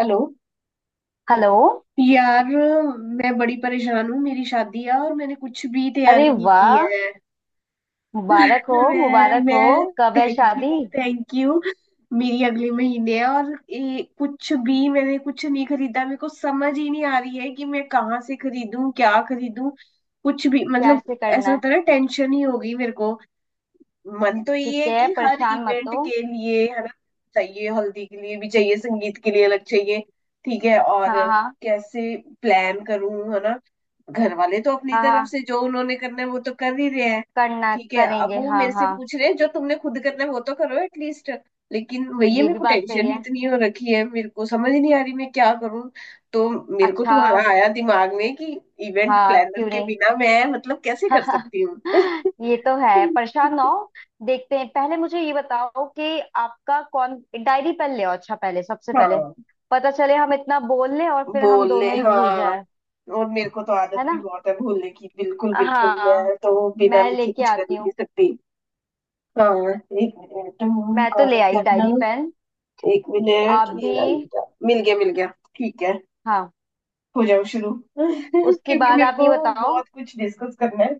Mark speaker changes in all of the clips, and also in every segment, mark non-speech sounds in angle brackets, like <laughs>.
Speaker 1: Hello
Speaker 2: hello.
Speaker 1: यार, मैं बड़ी परेशान हूँ। मेरी शादी है और मैंने कुछ भी
Speaker 2: अरे
Speaker 1: तैयारी नहीं की
Speaker 2: वाह,
Speaker 1: है। <laughs>
Speaker 2: मुबारक हो, मुबारक हो।
Speaker 1: मैं
Speaker 2: कब है
Speaker 1: थैंक यू।
Speaker 2: शादी?
Speaker 1: Thank you. मेरी अगले महीने है, और कुछ भी, मैंने कुछ नहीं खरीदा। मेरे को समझ ही नहीं आ रही है कि मैं कहाँ से खरीदूं, क्या खरीदूं। कुछ भी मतलब।
Speaker 2: कैसे करना
Speaker 1: ऐसा
Speaker 2: है?
Speaker 1: होता है ना, टेंशन ही हो गई मेरे को। मन तो
Speaker 2: ठीक
Speaker 1: ये है
Speaker 2: है,
Speaker 1: कि हर
Speaker 2: परेशान मत
Speaker 1: इवेंट
Speaker 2: हो।
Speaker 1: के लिए है ना, चाहिए, हल्दी के लिए भी चाहिए, संगीत के लिए अलग चाहिए। ठीक है,
Speaker 2: हाँ
Speaker 1: और
Speaker 2: हाँ,
Speaker 1: कैसे प्लान करूं, है ना। घर वाले तो अपनी
Speaker 2: हाँ
Speaker 1: तरफ
Speaker 2: हाँ,
Speaker 1: से जो उन्होंने करना है वो तो कर ही रहे हैं।
Speaker 2: करना
Speaker 1: ठीक है, अब
Speaker 2: करेंगे,
Speaker 1: वो
Speaker 2: हाँ
Speaker 1: मेरे से
Speaker 2: हाँ।
Speaker 1: पूछ रहे हैं जो तुमने खुद करना है वो तो करो एटलीस्ट। लेकिन वही है,
Speaker 2: ये
Speaker 1: मेरे
Speaker 2: भी
Speaker 1: को
Speaker 2: बात सही
Speaker 1: टेंशन ही
Speaker 2: है।
Speaker 1: इतनी हो रखी है, मेरे को समझ नहीं आ रही मैं क्या करूं। तो मेरे को
Speaker 2: अच्छा,
Speaker 1: तुम्हारा आया दिमाग में कि इवेंट
Speaker 2: हाँ
Speaker 1: प्लानर
Speaker 2: क्यों
Speaker 1: के
Speaker 2: नहीं।
Speaker 1: बिना मैं, मतलब, कैसे कर
Speaker 2: <laughs>
Speaker 1: सकती हूँ।
Speaker 2: ये तो है, परेशान ना
Speaker 1: <laughs>
Speaker 2: हो। देखते हैं, पहले मुझे ये बताओ कि आपका कौन। डायरी पेन ले आओ, अच्छा पहले, सबसे पहले
Speaker 1: हाँ,
Speaker 2: पता चले, हम इतना बोल लें और फिर हम
Speaker 1: बोलने,
Speaker 2: दोनों ही भूल
Speaker 1: हाँ।
Speaker 2: जाए।
Speaker 1: और मेरे को तो
Speaker 2: है
Speaker 1: आदत भी
Speaker 2: ना।
Speaker 1: बहुत है भूलने की, बिल्कुल बिल्कुल
Speaker 2: हाँ,
Speaker 1: मैं तो बिना
Speaker 2: मैं
Speaker 1: लिखे
Speaker 2: लेके
Speaker 1: कुछ कर
Speaker 2: आती
Speaker 1: ही
Speaker 2: हूँ।
Speaker 1: नहीं सकती। हाँ, एक मिनट।
Speaker 2: मैं तो
Speaker 1: कहाँ है
Speaker 2: ले आई डायरी
Speaker 1: जर्नल।
Speaker 2: पेन।
Speaker 1: एक मिनट,
Speaker 2: आप
Speaker 1: ये
Speaker 2: भी।
Speaker 1: रहा, ये रहा। मिल गया, मिल गया। ठीक है,
Speaker 2: हाँ,
Speaker 1: हो जाओ शुरू <laughs>
Speaker 2: उसके
Speaker 1: क्योंकि
Speaker 2: बाद
Speaker 1: मेरे
Speaker 2: आप ये
Speaker 1: को
Speaker 2: बताओ।
Speaker 1: बहुत कुछ डिस्कस करना है।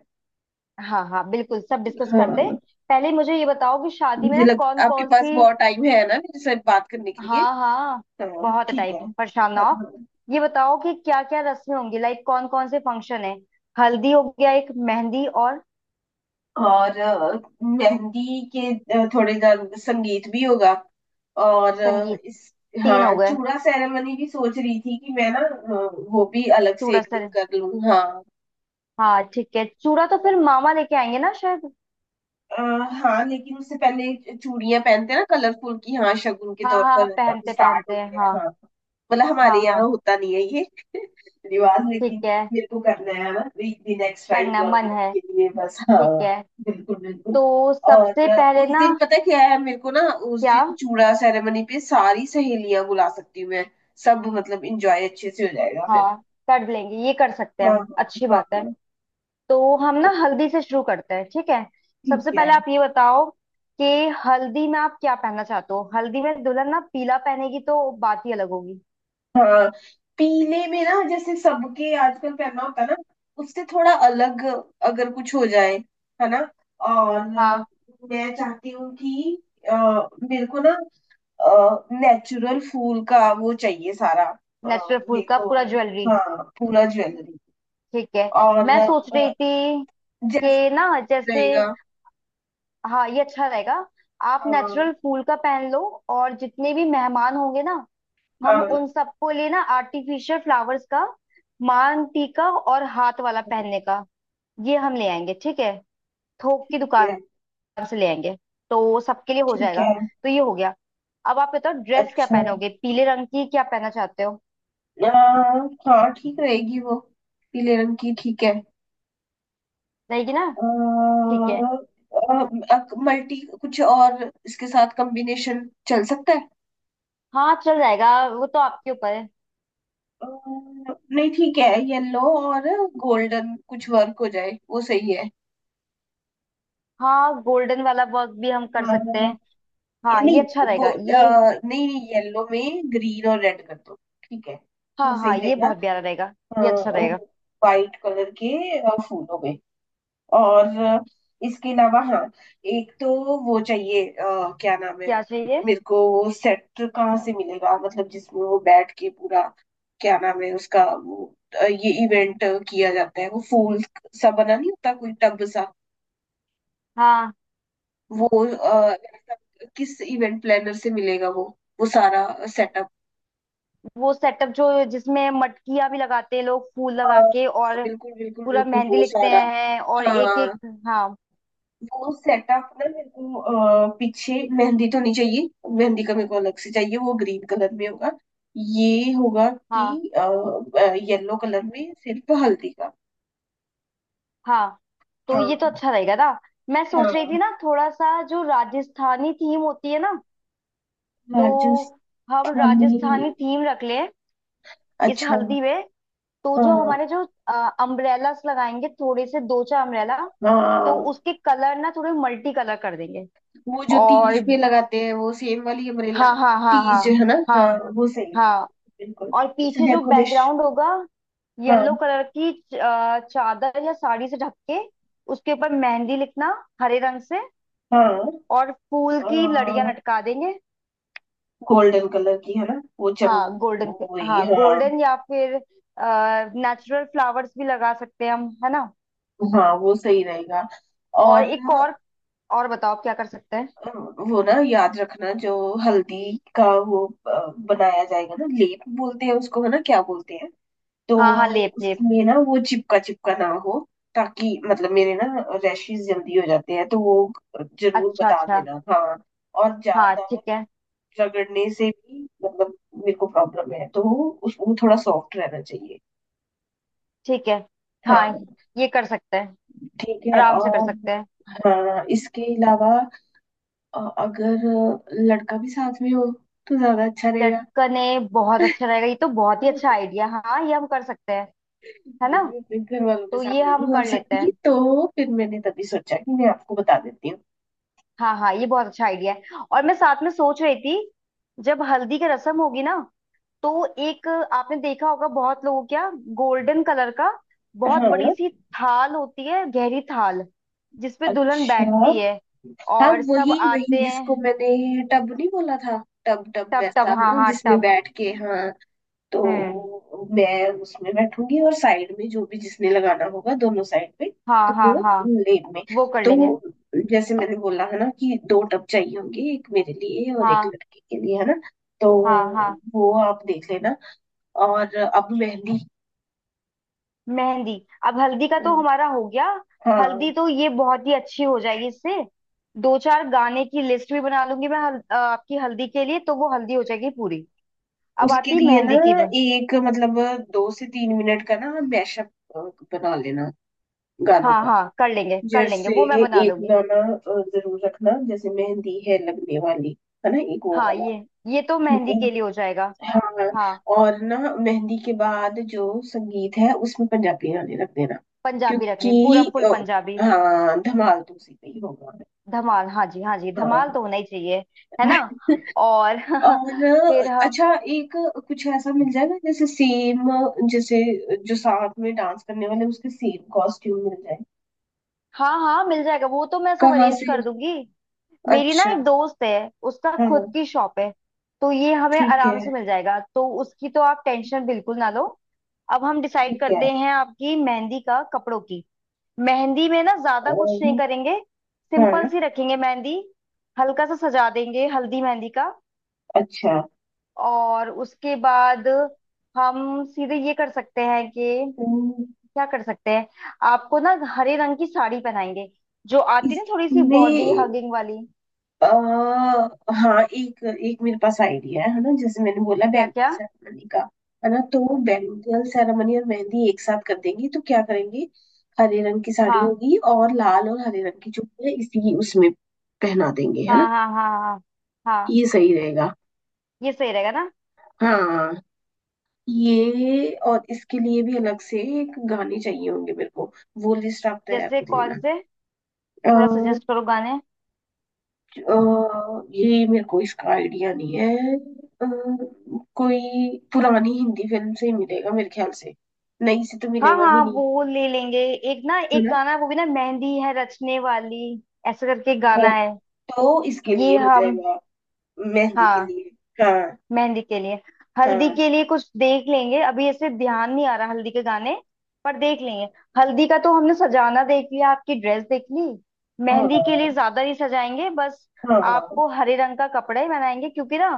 Speaker 2: हाँ हाँ, बिल्कुल सब डिस्कस करते हैं।
Speaker 1: हाँ,
Speaker 2: पहले मुझे ये बताओ कि शादी में
Speaker 1: मुझे
Speaker 2: ना
Speaker 1: लग
Speaker 2: कौन
Speaker 1: आपके
Speaker 2: कौन
Speaker 1: पास
Speaker 2: सी।
Speaker 1: बहुत टाइम है ना मेरे साथ बात करने के लिए।
Speaker 2: हाँ हाँ,
Speaker 1: हाँ,
Speaker 2: बहुत
Speaker 1: ठीक है,
Speaker 2: टाइम, परेशान ना
Speaker 1: हाँ
Speaker 2: हो।
Speaker 1: हाँ।
Speaker 2: ये बताओ कि क्या क्या रस्में होंगी, लाइक कौन कौन से फंक्शन है। हल्दी हो गया, एक मेहंदी, और
Speaker 1: और मेहंदी के, थोड़े गान, संगीत भी होगा। और
Speaker 2: संगीत,
Speaker 1: इस।
Speaker 2: तीन हो
Speaker 1: हाँ,
Speaker 2: गए।
Speaker 1: चूड़ा सेरेमनी भी सोच रही थी कि मैं ना वो भी अलग से
Speaker 2: चूड़ा
Speaker 1: एक दिन
Speaker 2: सर।
Speaker 1: कर लूँ, हाँ।
Speaker 2: हाँ ठीक है, चूड़ा तो फिर मामा लेके आएंगे ना शायद।
Speaker 1: आ, हाँ, लेकिन उससे पहले चूड़ियां पहनते हैं ना कलरफुल की, हाँ, शगुन के
Speaker 2: हाँ
Speaker 1: तौर
Speaker 2: हाँ,
Speaker 1: पर अब
Speaker 2: पहनते
Speaker 1: स्टार्ट हो
Speaker 2: पहनते,
Speaker 1: गया है,
Speaker 2: हाँ।
Speaker 1: हाँ। मतलब हमारे
Speaker 2: हाँ हाँ,
Speaker 1: यहाँ होता नहीं है ये <laughs> रिवाज
Speaker 2: ठीक
Speaker 1: लेकिन।
Speaker 2: है,
Speaker 1: मेरे को करना है बस एक दिन, एक्स्ट्रा
Speaker 2: करना मन
Speaker 1: इंजॉयमेंट
Speaker 2: है,
Speaker 1: के लिए, बस, हाँ।
Speaker 2: ठीक है।
Speaker 1: बिल्कुल बिल्कुल।
Speaker 2: तो
Speaker 1: और
Speaker 2: सबसे पहले
Speaker 1: उस
Speaker 2: ना,
Speaker 1: दिन पता क्या है मेरे को ना, उस
Speaker 2: क्या।
Speaker 1: दिन चूड़ा सेरेमनी पे सारी सहेलियां बुला सकती हूँ मैं। सब मतलब इंजॉय अच्छे से हो जाएगा फिर।
Speaker 2: हाँ, कर लेंगे, ये कर सकते हैं
Speaker 1: हाँ
Speaker 2: हम, अच्छी
Speaker 1: हाँ,
Speaker 2: बात है।
Speaker 1: हाँ,
Speaker 2: तो हम ना हल्दी से शुरू करते हैं, ठीक है। सबसे
Speaker 1: ठीक है,
Speaker 2: पहले आप ये बताओ कि हल्दी में आप क्या पहनना चाहते हो। हल्दी में दुल्हन ना पीला पहनेगी तो बात ही अलग होगी।
Speaker 1: हाँ। पीले में ना जैसे सबके आजकल पहनना होता है ना, उससे थोड़ा अलग अगर कुछ हो जाए, है ना। और
Speaker 2: हाँ,
Speaker 1: मैं चाहती हूँ कि अ, मेरे को ना नेचुरल फूल का वो चाहिए, सारा
Speaker 2: नेचुरल फूल का पूरा
Speaker 1: मेकओवर।
Speaker 2: ज्वेलरी।
Speaker 1: हाँ, पूरा ज्वेलरी।
Speaker 2: ठीक है,
Speaker 1: और
Speaker 2: मैं सोच रही थी कि
Speaker 1: जैस्मिन
Speaker 2: ना जैसे।
Speaker 1: रहेगा।
Speaker 2: हाँ ये अच्छा रहेगा, आप
Speaker 1: हाँ,
Speaker 2: नेचुरल फूल का पहन लो। और जितने भी मेहमान होंगे ना, हम उन
Speaker 1: हाँ,
Speaker 2: सबको लिए ना आर्टिफिशियल फ्लावर्स का मान टीका और हाथ वाला पहनने का, ये हम ले आएंगे, ठीक है। थोक की
Speaker 1: ठीक है,
Speaker 2: दुकान से ले आएंगे, तो सबके लिए हो
Speaker 1: ठीक
Speaker 2: जाएगा।
Speaker 1: है,
Speaker 2: तो ये हो गया। अब आप बताओ, ड्रेस क्या
Speaker 1: अच्छा।
Speaker 2: पहनोगे, पीले रंग की क्या पहनना चाहते हो।
Speaker 1: अ, हाँ ठीक रहेगी वो, पीले रंग की, ठीक है।
Speaker 2: रहेगी ना, ठीक है।
Speaker 1: मल्टी कुछ और इसके साथ कॉम्बिनेशन चल सकता है।
Speaker 2: हाँ चल जाएगा, वो तो आपके ऊपर है।
Speaker 1: अ, नहीं, ठीक है, येलो और गोल्डन कुछ वर्क हो जाए, वो सही है।
Speaker 2: हाँ गोल्डन वाला वर्क भी हम कर
Speaker 1: हाँ,
Speaker 2: सकते हैं। हाँ ये अच्छा
Speaker 1: नहीं,
Speaker 2: रहेगा ये।
Speaker 1: नहीं नहीं, येलो में ग्रीन और रेड कर दो, ठीक है, वो
Speaker 2: हाँ
Speaker 1: सही
Speaker 2: हाँ, ये
Speaker 1: रहेगा।
Speaker 2: बहुत प्यारा रहेगा, ये अच्छा
Speaker 1: और
Speaker 2: रहेगा।
Speaker 1: वाइट कलर के फूल हो गए, और इसके अलावा, हाँ, एक तो वो चाहिए, क्या नाम है,
Speaker 2: क्या चाहिए?
Speaker 1: मेरे को वो सेट कहाँ से मिलेगा, मतलब जिसमें वो बैठ के पूरा, क्या नाम है उसका वो, ये इवेंट किया जाता है, वो फूल सा बना नहीं होता, कोई टब सा,
Speaker 2: हाँ,
Speaker 1: वो अ, किस इवेंट प्लानर से मिलेगा वो सारा सेटअप।
Speaker 2: वो सेटअप जो जिसमें मटकियां भी लगाते हैं लोग, फूल लगा
Speaker 1: हाँ,
Speaker 2: के, और
Speaker 1: बिल्कुल बिल्कुल
Speaker 2: पूरा
Speaker 1: बिल्कुल,
Speaker 2: मेहंदी
Speaker 1: वो
Speaker 2: लिखते
Speaker 1: सारा।
Speaker 2: हैं और एक एक।
Speaker 1: हाँ,
Speaker 2: हाँ
Speaker 1: वो सेटअप ना मेरे को, पीछे मेहंदी तो नहीं चाहिए, मेहंदी का मेरे को अलग से चाहिए, वो ग्रीन कलर में होगा, ये होगा
Speaker 2: हाँ
Speaker 1: कि येलो कलर में सिर्फ हल्दी का।
Speaker 2: हाँ। तो ये तो
Speaker 1: हाँ
Speaker 2: अच्छा रहेगा ना। मैं सोच रही
Speaker 1: हाँ,
Speaker 2: थी ना, थोड़ा सा जो राजस्थानी थीम होती है ना, तो हम
Speaker 1: राजस्थानी,
Speaker 2: राजस्थानी थीम रख लें इस
Speaker 1: अच्छा,
Speaker 2: हल्दी में। तो जो
Speaker 1: हाँ
Speaker 2: हमारे जो अम्ब्रेलास लगाएंगे, थोड़े से दो चार अम्ब्रेला, तो
Speaker 1: हाँ।
Speaker 2: उसके कलर ना थोड़े मल्टी कलर कर देंगे।
Speaker 1: वो जो
Speaker 2: और
Speaker 1: तीज पे लगाते हैं वो सेम वाली अम्ब्रेला ना,
Speaker 2: हाँ हाँ हाँ
Speaker 1: तीज
Speaker 2: हाँ,
Speaker 1: है ना,
Speaker 2: हाँ
Speaker 1: हाँ वो सही है,
Speaker 2: हाँ।
Speaker 1: बिल्कुल।
Speaker 2: और
Speaker 1: उसे
Speaker 2: पीछे जो बैकग्राउंड
Speaker 1: डेकोरेशन,
Speaker 2: होगा,
Speaker 1: हाँ
Speaker 2: येलो कलर की चादर या साड़ी से ढक के, उसके ऊपर मेहंदी लिखना हरे रंग से,
Speaker 1: हाँ।
Speaker 2: और फूल की लड़ियां लटका देंगे।
Speaker 1: गोल्डन कलर की है ना वो चम,
Speaker 2: हाँ गोल्डन के,
Speaker 1: वही,
Speaker 2: हाँ
Speaker 1: हाँ
Speaker 2: गोल्डन, या फिर नेचुरल फ्लावर्स भी लगा सकते हैं हम, है ना।
Speaker 1: हाँ, वो सही रहेगा।
Speaker 2: और
Speaker 1: और
Speaker 2: एक और बताओ आप क्या कर सकते हैं।
Speaker 1: अ, वो ना याद रखना, जो हल्दी का वो बनाया जाएगा ना, लेप बोलते हैं उसको, है ना, क्या बोलते हैं। तो
Speaker 2: हाँ हाँ, लेप लेप
Speaker 1: उसमें ना वो चिपका चिपका ना हो, ताकि मतलब मेरे ना रैशेज जल्दी हो जाते हैं तो वो जरूर
Speaker 2: अच्छा
Speaker 1: बता
Speaker 2: अच्छा।
Speaker 1: देना, हाँ। और
Speaker 2: हाँ
Speaker 1: ज्यादा
Speaker 2: ठीक है,
Speaker 1: रगड़ने से भी, मतलब मेरे को प्रॉब्लम है, तो उस वो थोड़ा सॉफ्ट रहना चाहिए।
Speaker 2: ठीक है
Speaker 1: हाँ,
Speaker 2: हाँ, ये कर सकते हैं,
Speaker 1: ठीक है,
Speaker 2: आराम से कर
Speaker 1: और,
Speaker 2: सकते हैं।
Speaker 1: हाँ, इसके अलावा अगर लड़का भी साथ में हो तो ज्यादा अच्छा रहेगा,
Speaker 2: लटकने बहुत अच्छा रहेगा, ये तो बहुत
Speaker 1: है
Speaker 2: ही
Speaker 1: ना?
Speaker 2: अच्छा आइडिया, हाँ ये हम कर सकते हैं। है
Speaker 1: ये
Speaker 2: ना।
Speaker 1: ना मैं अपने घर वालों के
Speaker 2: तो ये
Speaker 1: सामने भी
Speaker 2: हम
Speaker 1: बोल
Speaker 2: कर लेते
Speaker 1: सकती,
Speaker 2: हैं।
Speaker 1: तो फिर मैंने तभी सोचा कि मैं आपको बता देती हूँ।
Speaker 2: हाँ हाँ, ये बहुत अच्छा आइडिया है। और मैं साथ में सोच रही थी, जब हल्दी की रस्म होगी ना, तो एक, आपने देखा होगा बहुत लोगों, क्या, गोल्डन कलर का बहुत बड़ी
Speaker 1: हाँ,
Speaker 2: सी थाल होती है, गहरी थाल, जिसपे दुल्हन
Speaker 1: अच्छा,
Speaker 2: बैठती है
Speaker 1: हाँ,
Speaker 2: और सब
Speaker 1: वही वही
Speaker 2: आते
Speaker 1: जिसको
Speaker 2: हैं।
Speaker 1: मैंने टब नहीं बोला था, टब टब
Speaker 2: टब
Speaker 1: वैसा
Speaker 2: टब,
Speaker 1: है
Speaker 2: हाँ
Speaker 1: ना
Speaker 2: हाँ
Speaker 1: जिसमें
Speaker 2: टब।
Speaker 1: बैठ के, हाँ।
Speaker 2: हम्म,
Speaker 1: तो मैं उसमें बैठूंगी और साइड में जो भी जिसने लगाना होगा दोनों साइड पे,
Speaker 2: हाँ
Speaker 1: तो
Speaker 2: हाँ
Speaker 1: वो
Speaker 2: हाँ,
Speaker 1: लेन में।
Speaker 2: वो कर
Speaker 1: तो
Speaker 2: लेंगे।
Speaker 1: जैसे मैंने बोला है ना कि दो टब चाहिए होंगे, एक मेरे लिए और एक
Speaker 2: हाँ
Speaker 1: लड़के के लिए, है ना। तो
Speaker 2: हाँ हाँ।
Speaker 1: वो आप देख लेना। और अब मेहंदी,
Speaker 2: मेहंदी, अब हल्दी का तो हमारा हो गया।
Speaker 1: हाँ।
Speaker 2: हल्दी तो ये बहुत ही अच्छी हो जाएगी इससे। दो चार गाने की लिस्ट भी बना लूंगी मैं आपकी हल्दी के लिए, तो वो हल्दी हो जाएगी पूरी। अब
Speaker 1: उसके
Speaker 2: आती है
Speaker 1: लिए ना,
Speaker 2: मेहंदी की बन।
Speaker 1: एक मतलब 2 से 3 मिनट का ना मैशअप बना लेना, गानों
Speaker 2: हाँ
Speaker 1: का।
Speaker 2: हाँ, कर लेंगे,
Speaker 1: जैसे
Speaker 2: वो मैं बना
Speaker 1: एक
Speaker 2: लूंगी।
Speaker 1: गाना जरूर रखना, जैसे मेहंदी है लगने वाली, है ना, एक वो
Speaker 2: हाँ
Speaker 1: वाला,
Speaker 2: ये तो
Speaker 1: ठीक
Speaker 2: मेहंदी
Speaker 1: है,
Speaker 2: के लिए हो जाएगा।
Speaker 1: हाँ।
Speaker 2: हाँ,
Speaker 1: और ना मेहंदी के बाद जो संगीत है उसमें पंजाबी गाने रख देना,
Speaker 2: पंजाबी रख लेंगे, पूरा
Speaker 1: क्योंकि
Speaker 2: फुल पंजाबी।
Speaker 1: हाँ, धमाल तो उसी पे ही होगा,
Speaker 2: धमाल, हाँ जी हाँ जी,
Speaker 1: हाँ
Speaker 2: धमाल तो होना ही चाहिए, है ना। और
Speaker 1: <laughs>
Speaker 2: <laughs>
Speaker 1: और
Speaker 2: फिर हम,
Speaker 1: अच्छा एक कुछ ऐसा मिल जाएगा, जैसे सेम जैसे जो साथ में डांस करने वाले उसके सेम कॉस्ट्यूम मिल जाए।
Speaker 2: हाँ हाँ मिल जाएगा, वो तो मैं सब
Speaker 1: कहाँ
Speaker 2: अरेंज
Speaker 1: से।
Speaker 2: कर दूंगी। मेरी ना
Speaker 1: अच्छा,
Speaker 2: एक दोस्त है, उसका खुद
Speaker 1: हाँ,
Speaker 2: की शॉप है, तो ये हमें
Speaker 1: ठीक
Speaker 2: आराम
Speaker 1: है,
Speaker 2: से मिल जाएगा, तो उसकी तो आप टेंशन बिल्कुल ना लो। अब हम डिसाइड
Speaker 1: ठीक है।
Speaker 2: करते हैं आपकी मेहंदी का, कपड़ों की। मेहंदी में ना ज्यादा कुछ नहीं
Speaker 1: अम,
Speaker 2: करेंगे, सिंपल
Speaker 1: हाँ,
Speaker 2: सी रखेंगे मेहंदी, हल्का सा सजा देंगे हल्दी मेहंदी का।
Speaker 1: अच्छा।
Speaker 2: और उसके बाद हम सीधे ये कर सकते हैं कि,
Speaker 1: अम,
Speaker 2: क्या कर सकते हैं, आपको ना हरे रंग की साड़ी पहनाएंगे, जो आती है ना थोड़ी सी
Speaker 1: इसमें,
Speaker 2: बॉडी हगिंग वाली।
Speaker 1: अ, हाँ, एक एक मेरे पास आइडिया है ना, जैसे मैंने बोला
Speaker 2: क्या
Speaker 1: बैंगल
Speaker 2: क्या।
Speaker 1: सेरेमनी का, है ना, तो बैंगल सेरेमनी और मेहंदी एक साथ कर देंगे तो क्या करेंगे, हरे रंग की साड़ी
Speaker 2: हाँ
Speaker 1: होगी और लाल और हरे रंग की चुन्नी इसी उसमें पहना देंगे, है ना,
Speaker 2: हाँ हाँ हाँ, हाँ हाँ,
Speaker 1: ये सही रहेगा।
Speaker 2: ये सही रहेगा ना।
Speaker 1: हाँ, ये और इसके लिए भी अलग से एक गाने चाहिए होंगे मेरे को, वो लिस्ट आप तैयार
Speaker 2: जैसे कौन
Speaker 1: कर
Speaker 2: से, थोड़ा
Speaker 1: लेना।
Speaker 2: सजेस्ट करो गाने।
Speaker 1: अ, ये मेरे को इसका आइडिया नहीं है, अ, कोई पुरानी हिंदी फिल्म से ही मिलेगा मेरे ख्याल से, नई से तो
Speaker 2: हाँ
Speaker 1: मिलेगा भी
Speaker 2: हाँ,
Speaker 1: नहीं,
Speaker 2: वो ले लेंगे। एक ना
Speaker 1: है
Speaker 2: एक
Speaker 1: ना,
Speaker 2: गाना है, वो भी ना मेहंदी है रचने वाली, ऐसे करके गाना
Speaker 1: वो
Speaker 2: है।
Speaker 1: तो इसके लिए
Speaker 2: ये
Speaker 1: हो
Speaker 2: हम,
Speaker 1: जाएगा, मेहंदी के
Speaker 2: हाँ,
Speaker 1: लिए, हाँ।
Speaker 2: मेहंदी के लिए। हल्दी
Speaker 1: हाँ
Speaker 2: के लिए कुछ देख लेंगे, अभी ऐसे ध्यान नहीं आ रहा हल्दी के गाने, पर देख लेंगे। हल्दी का तो हमने सजाना देख लिया, आपकी ड्रेस देख ली।
Speaker 1: हाँ
Speaker 2: मेहंदी के लिए ज्यादा नहीं सजाएंगे बस,
Speaker 1: हाँ, हाँ,
Speaker 2: आपको हरे रंग का कपड़ा ही बनाएंगे, क्योंकि ना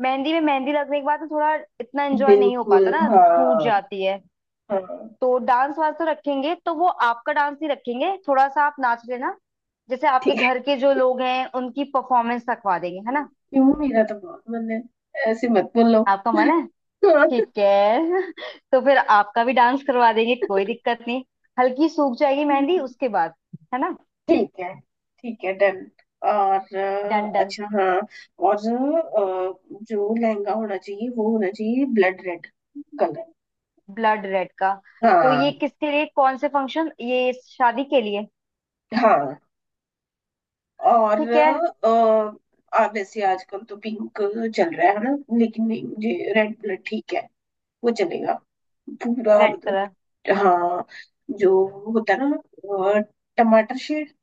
Speaker 2: मेहंदी में मेहंदी लगने के बाद ना, थोड़ा इतना एंजॉय नहीं हो
Speaker 1: बिल्कुल,
Speaker 2: पाता ना, सूझ
Speaker 1: हाँ
Speaker 2: जाती है।
Speaker 1: हाँ,
Speaker 2: तो डांस वांस तो रखेंगे, तो वो आपका डांस नहीं रखेंगे, थोड़ा सा आप नाच लेना। जैसे
Speaker 1: ठीक
Speaker 2: आपके
Speaker 1: है।
Speaker 2: घर के जो लोग हैं, उनकी परफॉर्मेंस रखवा देंगे, है ना।
Speaker 1: क्यों, मेरा तो बहुत मन है, ऐसे मत बोलो
Speaker 2: आपका मन है, ठीक है। <laughs> तो फिर आपका भी डांस करवा देंगे, कोई दिक्कत नहीं, हल्की सूख जाएगी मेहंदी
Speaker 1: <laughs>
Speaker 2: उसके बाद, है ना।
Speaker 1: ठीक है, ठीक है, डन। और
Speaker 2: डन डन।
Speaker 1: अच्छा, हाँ। और जो लहंगा होना चाहिए वो होना चाहिए blood red colour.
Speaker 2: Blood red का, तो ये
Speaker 1: हाँ
Speaker 2: किसके लिए, कौन से फंक्शन, ये शादी के लिए।
Speaker 1: हाँ। और
Speaker 2: ठीक है।
Speaker 1: वैसे आजकल तो पिंक चल रहा है ना, लेकिन नहीं, मुझे रेड ब्लड ठीक है, वो चलेगा, पूरा
Speaker 2: रेड कलर,
Speaker 1: मतलब, हाँ, जो होता है ना अ, टमाटर शेड।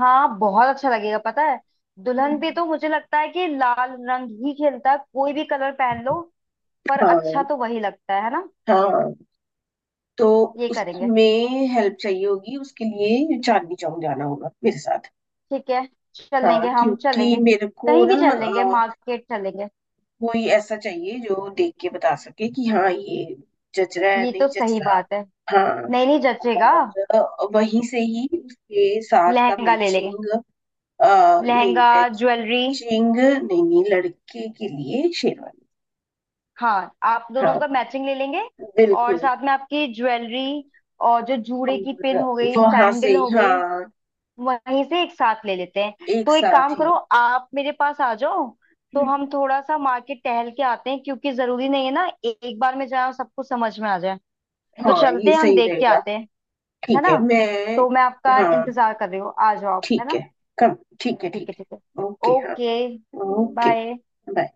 Speaker 2: हाँ बहुत अच्छा लगेगा, पता है, दुल्हन पे
Speaker 1: हम्म,
Speaker 2: तो मुझे लगता है कि लाल रंग ही खेलता है, कोई भी कलर पहन लो, पर अच्छा
Speaker 1: हाँ
Speaker 2: तो वही लगता है ना।
Speaker 1: हाँ। तो
Speaker 2: ये करेंगे,
Speaker 1: उसमें हेल्प चाहिए होगी, उसके लिए चांदनी चौक जाना होगा मेरे साथ।
Speaker 2: ठीक है,
Speaker 1: हाँ,
Speaker 2: चलेंगे, हम
Speaker 1: क्योंकि
Speaker 2: चलेंगे,
Speaker 1: मेरे को
Speaker 2: कहीं
Speaker 1: ना
Speaker 2: भी चलेंगे, मार्केट चलेंगे।
Speaker 1: कोई ऐसा चाहिए जो देख के बता सके कि हाँ ये जच रहा है,
Speaker 2: ये
Speaker 1: नहीं
Speaker 2: तो
Speaker 1: जच
Speaker 2: सही
Speaker 1: रहा।
Speaker 2: बात है,
Speaker 1: हाँ,
Speaker 2: नहीं नहीं जचेगा।
Speaker 1: और वहीं से ही उसके साथ का
Speaker 2: लहंगा ले लेंगे,
Speaker 1: मैचिंग, नहीं,
Speaker 2: लहंगा, ज्वेलरी।
Speaker 1: मैचिंग, नहीं, लड़के के लिए शेरवानी,
Speaker 2: हाँ आप दोनों
Speaker 1: हाँ,
Speaker 2: का मैचिंग ले लेंगे, और
Speaker 1: बिल्कुल।
Speaker 2: साथ में आपकी ज्वेलरी, और जो जूड़े की पिन हो
Speaker 1: और
Speaker 2: गई,
Speaker 1: वहां से
Speaker 2: सैंडल
Speaker 1: ही,
Speaker 2: हो गई,
Speaker 1: हाँ,
Speaker 2: वहीं से एक साथ ले लेते हैं।
Speaker 1: एक
Speaker 2: तो एक
Speaker 1: साथ
Speaker 2: काम
Speaker 1: ही।
Speaker 2: करो, आप मेरे पास आ जाओ, तो
Speaker 1: हम्म,
Speaker 2: हम थोड़ा सा मार्केट टहल के आते हैं, क्योंकि जरूरी नहीं है ना एक बार में जाए और सब कुछ समझ में आ जाए। तो
Speaker 1: हाँ,
Speaker 2: चलते
Speaker 1: ये
Speaker 2: हैं, हम
Speaker 1: सही
Speaker 2: देख के
Speaker 1: रहेगा।
Speaker 2: आते हैं, है
Speaker 1: ठीक
Speaker 2: ना।
Speaker 1: है, मैं,
Speaker 2: तो मैं आपका
Speaker 1: हाँ,
Speaker 2: इंतजार कर रही हूँ, आ जाओ आप, है
Speaker 1: ठीक है,
Speaker 2: ना।
Speaker 1: कम, ठीक है,
Speaker 2: ठीक
Speaker 1: ठीक
Speaker 2: है, ठीक है,
Speaker 1: है, ओके, हाँ,
Speaker 2: ओके।
Speaker 1: Okay,
Speaker 2: bye.
Speaker 1: बाय।